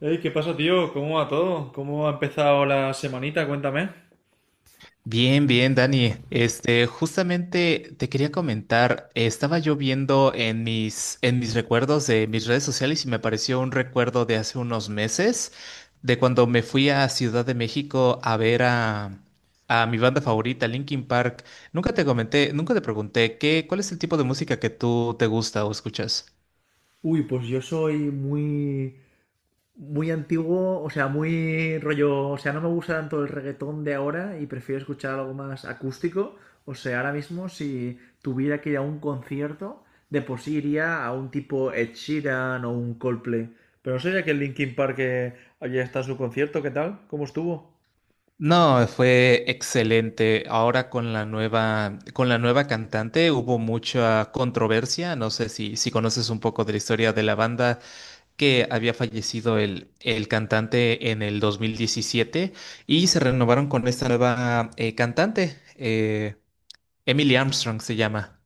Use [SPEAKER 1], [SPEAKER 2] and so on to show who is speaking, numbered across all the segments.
[SPEAKER 1] Ey, ¿qué pasa, tío? ¿Cómo va todo? ¿Cómo ha empezado la semanita? Cuéntame.
[SPEAKER 2] Bien, bien, Dani. Justamente te quería comentar, estaba yo viendo en en mis recuerdos de mis redes sociales y me apareció un recuerdo de hace unos meses, de cuando me fui a Ciudad de México a ver a mi banda favorita, Linkin Park. Nunca te comenté, nunca te pregunté cuál es el tipo de música que tú te gusta o escuchas.
[SPEAKER 1] Uy, pues yo soy muy, muy antiguo, o sea, muy rollo, o sea, no me gusta tanto el reggaetón de ahora y prefiero escuchar algo más acústico. O sea, ahora mismo si tuviera que ir a un concierto, de por sí iría a un tipo Ed Sheeran o un Coldplay. Pero no sé si aquel Linkin Park que ayer está en su concierto, ¿qué tal? ¿Cómo estuvo?
[SPEAKER 2] No, fue excelente. Ahora con la nueva cantante hubo mucha controversia. No sé si conoces un poco de la historia de la banda que había fallecido el cantante en el 2017 y se renovaron con esta nueva cantante. Emily Armstrong se llama.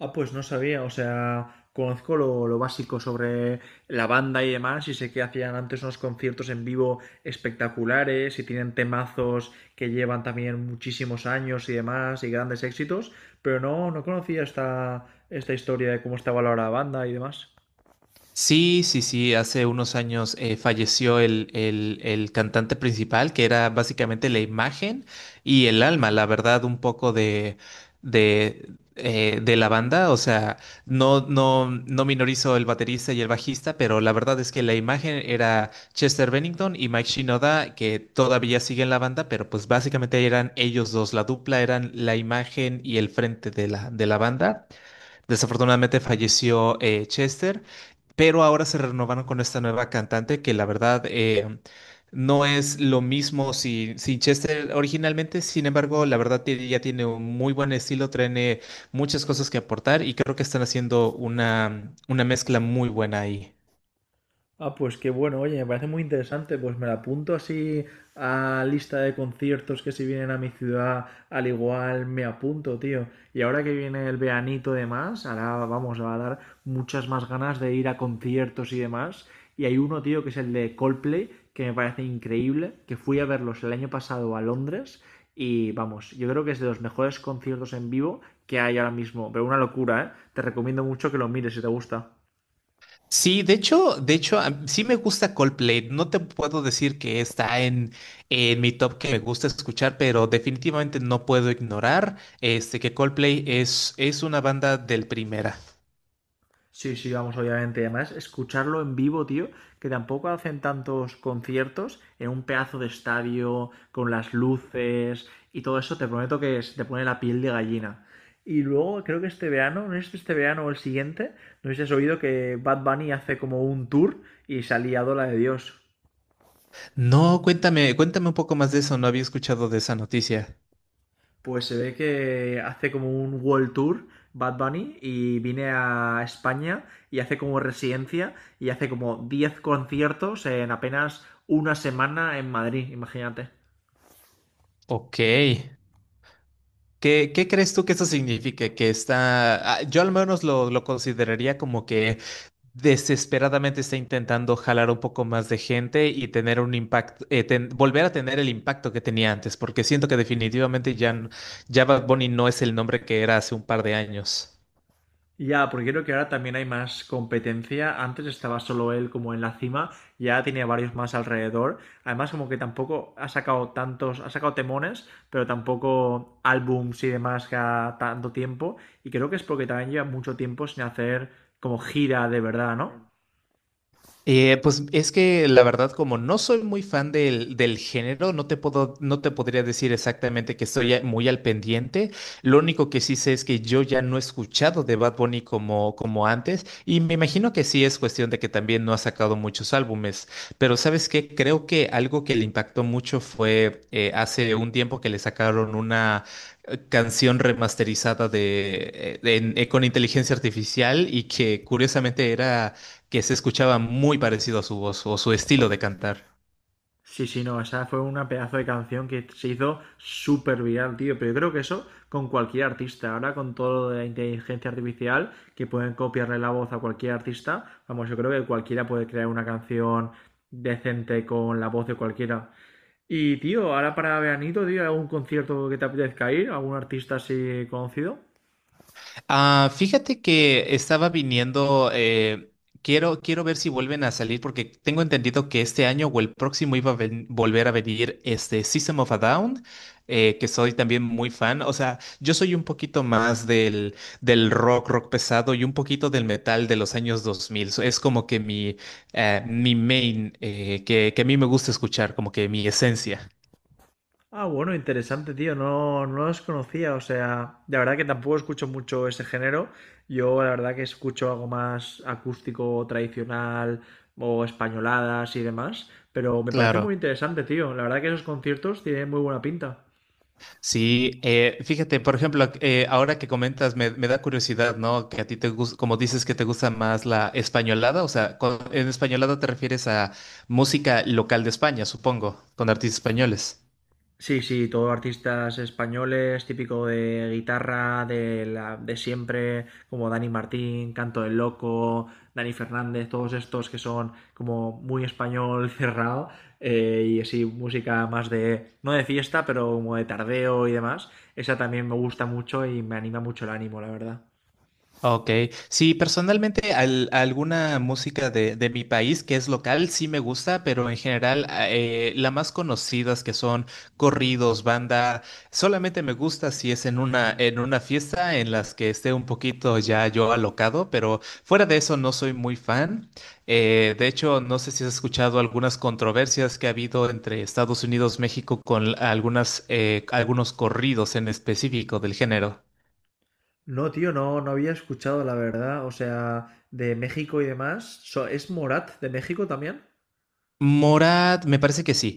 [SPEAKER 1] Ah, pues no sabía, o sea, conozco lo básico sobre la banda y demás, y sé que hacían antes unos conciertos en vivo espectaculares, y tienen temazos que llevan también muchísimos años y demás, y grandes éxitos, pero no, no conocía esta, esta historia de cómo estaba valorada la banda y demás.
[SPEAKER 2] Sí, sí, sí, hace unos años falleció el cantante principal, que era básicamente la imagen y el alma, la verdad, un poco de la banda. O sea, no minorizo el baterista y el bajista, pero la verdad es que la imagen era Chester Bennington y Mike Shinoda, que todavía siguen la banda, pero pues básicamente eran ellos dos, la dupla eran la imagen y el frente de la banda. Desafortunadamente falleció Chester, pero ahora se renovaron con esta nueva cantante que la verdad no es lo mismo sin Chester originalmente. Sin embargo, la verdad ya tiene un muy buen estilo, tiene muchas cosas que aportar y creo que están haciendo una mezcla muy buena ahí.
[SPEAKER 1] Ah, pues qué bueno, oye, me parece muy interesante, pues me la apunto así a lista de conciertos que si vienen a mi ciudad, al igual me apunto, tío. Y ahora que viene el veranito y demás, ahora vamos, va a dar muchas más ganas de ir a conciertos y demás. Y hay uno, tío, que es el de Coldplay, que me parece increíble, que fui a verlos el año pasado a Londres y vamos, yo creo que es de los mejores conciertos en vivo que hay ahora mismo, pero una locura, ¿eh? Te recomiendo mucho que lo mires si te gusta.
[SPEAKER 2] Sí, de hecho, sí me gusta Coldplay. No te puedo decir que está en mi top que me gusta escuchar, pero definitivamente no puedo ignorar este que Coldplay es una banda del primera.
[SPEAKER 1] Sí, sí, vamos, obviamente. Además, escucharlo en vivo, tío, que tampoco hacen tantos conciertos en un pedazo de estadio, con las luces y todo eso, te prometo que se te pone la piel de gallina. Y luego, creo que este verano, no es este verano o el siguiente, no sé si has oído que Bad Bunny hace como un tour y se ha liado la de Dios.
[SPEAKER 2] No, cuéntame, cuéntame un poco más de eso. No había escuchado de esa noticia.
[SPEAKER 1] Pues se ve que hace como un world tour Bad Bunny y viene a España y hace como residencia y hace como 10 conciertos en apenas una semana en Madrid, imagínate.
[SPEAKER 2] Ok. ¿Qué, qué crees tú que eso signifique? Que está, ah, yo al menos lo consideraría como que desesperadamente está intentando jalar un poco más de gente y tener un impacto, volver a tener el impacto que tenía antes, porque siento que definitivamente ya Bad Bunny no es el nombre que era hace un par de años.
[SPEAKER 1] Ya, porque creo que ahora también hay más competencia. Antes estaba solo él como en la cima, ya tenía varios más alrededor. Además, como que tampoco ha sacado tantos, ha sacado temones, pero tampoco álbums y demás cada tanto tiempo. Y creo que es porque también lleva mucho tiempo sin hacer como gira de verdad, ¿no?
[SPEAKER 2] Pues es que la verdad, como no soy muy fan del género, no te puedo, no te podría decir exactamente que estoy muy al pendiente. Lo único que sí sé es que yo ya no he escuchado de Bad Bunny como, como antes, y me imagino que sí es cuestión de que también no ha sacado muchos álbumes. Pero ¿sabes qué? Creo que algo que le impactó mucho fue hace un tiempo que le sacaron una canción remasterizada de con inteligencia artificial y que curiosamente era que se escuchaba muy parecido a su voz o su estilo de cantar.
[SPEAKER 1] Sí, sí, no, esa fue una pedazo de canción que se hizo súper viral, tío. Pero yo creo que eso con cualquier artista. Ahora con todo lo de la inteligencia artificial, que pueden copiarle la voz a cualquier artista, vamos, yo creo que cualquiera puede crear una canción decente con la voz de cualquiera. Y, tío, ahora para veranito, tío, ¿algún concierto que te apetezca ir? ¿Algún artista así conocido?
[SPEAKER 2] Ah, fíjate que estaba viniendo, quiero ver si vuelven a salir porque tengo entendido que este año o el próximo iba a volver a venir este System of a Down, que soy también muy fan. O sea, yo soy un poquito más del rock, rock pesado y un poquito del metal de los años 2000. So, es como que mi main, que a mí me gusta escuchar, como que mi esencia.
[SPEAKER 1] Ah, bueno, interesante, tío. No, no los conocía. O sea, de verdad que tampoco escucho mucho ese género. Yo, la verdad, que escucho algo más acústico, tradicional o españoladas y demás. Pero me parece
[SPEAKER 2] Claro.
[SPEAKER 1] muy interesante, tío. La verdad que esos conciertos tienen muy buena pinta.
[SPEAKER 2] Sí, fíjate, por ejemplo, ahora que comentas, me da curiosidad, ¿no? Que a ti te gusta, como dices que te gusta más la españolada, o sea, en españolada te refieres a música local de España, supongo, con artistas españoles.
[SPEAKER 1] Sí, sí, todo artistas españoles, típico de guitarra, de siempre, como Dani Martín, Canto del Loco, Dani Fernández, todos estos que son como muy español cerrado, y así música más de, no de fiesta, pero como de tardeo y demás. Esa también me gusta mucho y me anima mucho el ánimo, la verdad.
[SPEAKER 2] Ok, sí, personalmente alguna música de mi país que es local sí me gusta, pero en general las más conocidas que son corridos, banda, solamente me gusta si es en una fiesta en las que esté un poquito ya yo alocado, pero fuera de eso no soy muy fan. De hecho, no sé si has escuchado algunas controversias que ha habido entre Estados Unidos, México con algunos corridos en específico del género.
[SPEAKER 1] No, tío, no, no había escuchado, la verdad. O sea, de México y demás. So- ¿Es Morat de México también?
[SPEAKER 2] Morat, me parece que sí.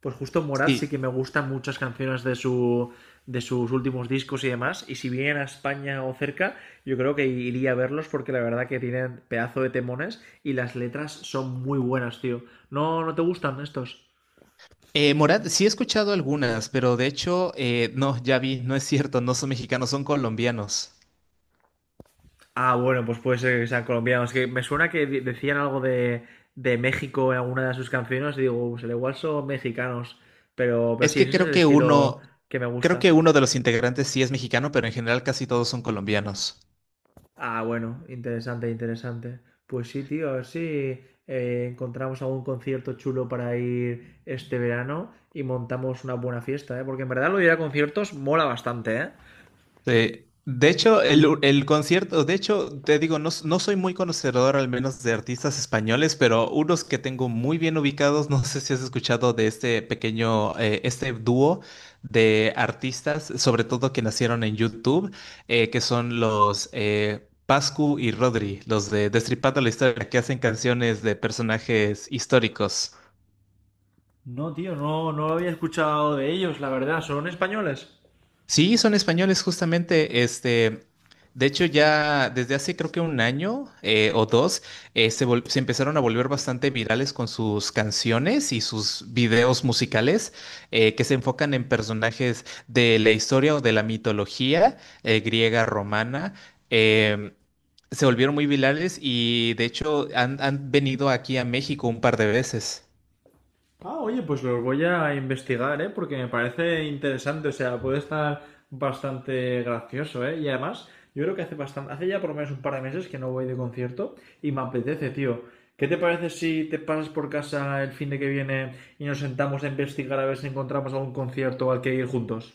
[SPEAKER 1] Pues justo Morat sí
[SPEAKER 2] Sí,
[SPEAKER 1] que me gustan muchas canciones de su de sus últimos discos y demás. Y si vienen a España o cerca, yo creo que iría a verlos porque la verdad que tienen pedazo de temones y las letras son muy buenas, tío. ¿No, no te gustan estos?
[SPEAKER 2] Morat, sí he escuchado algunas, pero de hecho, no, ya vi, no es cierto, no son mexicanos, son colombianos.
[SPEAKER 1] Ah, bueno, pues puede ser que sean colombianos. Que me suena que de- decían algo de México en alguna de sus canciones. Y digo, pues al igual son mexicanos. Pero
[SPEAKER 2] Es
[SPEAKER 1] sí,
[SPEAKER 2] que
[SPEAKER 1] ese es el estilo que me
[SPEAKER 2] creo que
[SPEAKER 1] gusta.
[SPEAKER 2] uno de los integrantes sí es mexicano, pero en general casi todos son colombianos.
[SPEAKER 1] Ah, bueno, interesante, interesante. Pues sí, tío, a ver si encontramos algún concierto chulo para ir este verano y montamos una buena fiesta, ¿eh? Porque en verdad lo de ir a conciertos mola bastante, ¿eh?
[SPEAKER 2] Sí. De hecho, el concierto, de hecho, te digo, no, no soy muy conocedor al menos de artistas españoles, pero unos que tengo muy bien ubicados, no sé si has escuchado de este pequeño, este dúo de artistas, sobre todo que nacieron en YouTube, que son los Pascu y Rodri, los de Destripando la Historia, que hacen canciones de personajes históricos.
[SPEAKER 1] No, tío, no, no lo había escuchado de ellos, la verdad. ¿Son españoles?
[SPEAKER 2] Sí, son españoles justamente. De hecho, ya desde hace creo que un año o dos, se empezaron a volver bastante virales con sus canciones y sus videos musicales que se enfocan en personajes de la historia o de la mitología griega, romana. Em, Se volvieron muy virales y de hecho han venido aquí a México un par de veces.
[SPEAKER 1] Ah, oye, pues los voy a investigar, ¿eh? Porque me parece interesante, o sea, puede estar bastante gracioso, ¿eh? Y además, yo creo que hace bastante, hace ya por lo menos un par de meses que no voy de concierto y me apetece, tío. ¿Qué te parece si te pasas por casa el fin de que viene y nos sentamos a investigar a ver si encontramos algún concierto al que ir juntos?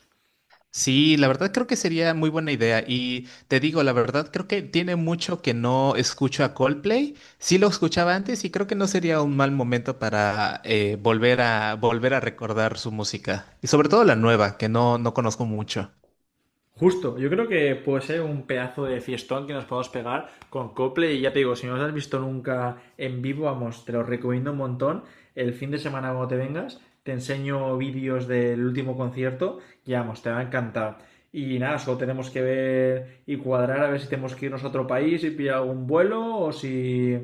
[SPEAKER 2] Sí, la verdad creo que sería muy buena idea y te digo, la verdad creo que tiene mucho que no escucho a Coldplay. Sí lo escuchaba antes y creo que no sería un mal momento para volver a recordar su música y sobre todo la nueva que no conozco mucho.
[SPEAKER 1] Justo, yo creo que puede ser un pedazo de fiestón que nos podemos pegar con Cople y ya te digo, si no los has visto nunca en vivo, vamos, te lo recomiendo un montón. El fin de semana cuando te vengas, te enseño vídeos del último concierto y vamos, te va a encantar. Y nada, solo tenemos que ver y cuadrar a ver si tenemos que irnos a otro país y pillar algún vuelo o si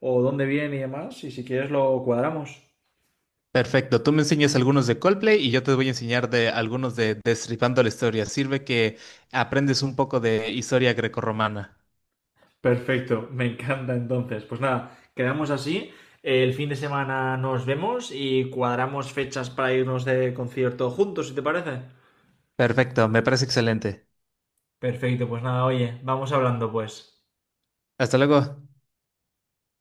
[SPEAKER 1] o dónde vienen y demás, y si quieres lo cuadramos.
[SPEAKER 2] Perfecto, tú me enseñas algunos de Coldplay y yo te voy a enseñar de algunos de Destripando la Historia. Sirve que aprendes un poco de historia grecorromana.
[SPEAKER 1] Perfecto, me encanta entonces. Pues nada, quedamos así. El fin de semana nos vemos y cuadramos fechas para irnos de concierto juntos, si te parece.
[SPEAKER 2] Perfecto, me parece excelente.
[SPEAKER 1] Perfecto, pues nada, oye, vamos hablando pues.
[SPEAKER 2] Hasta luego.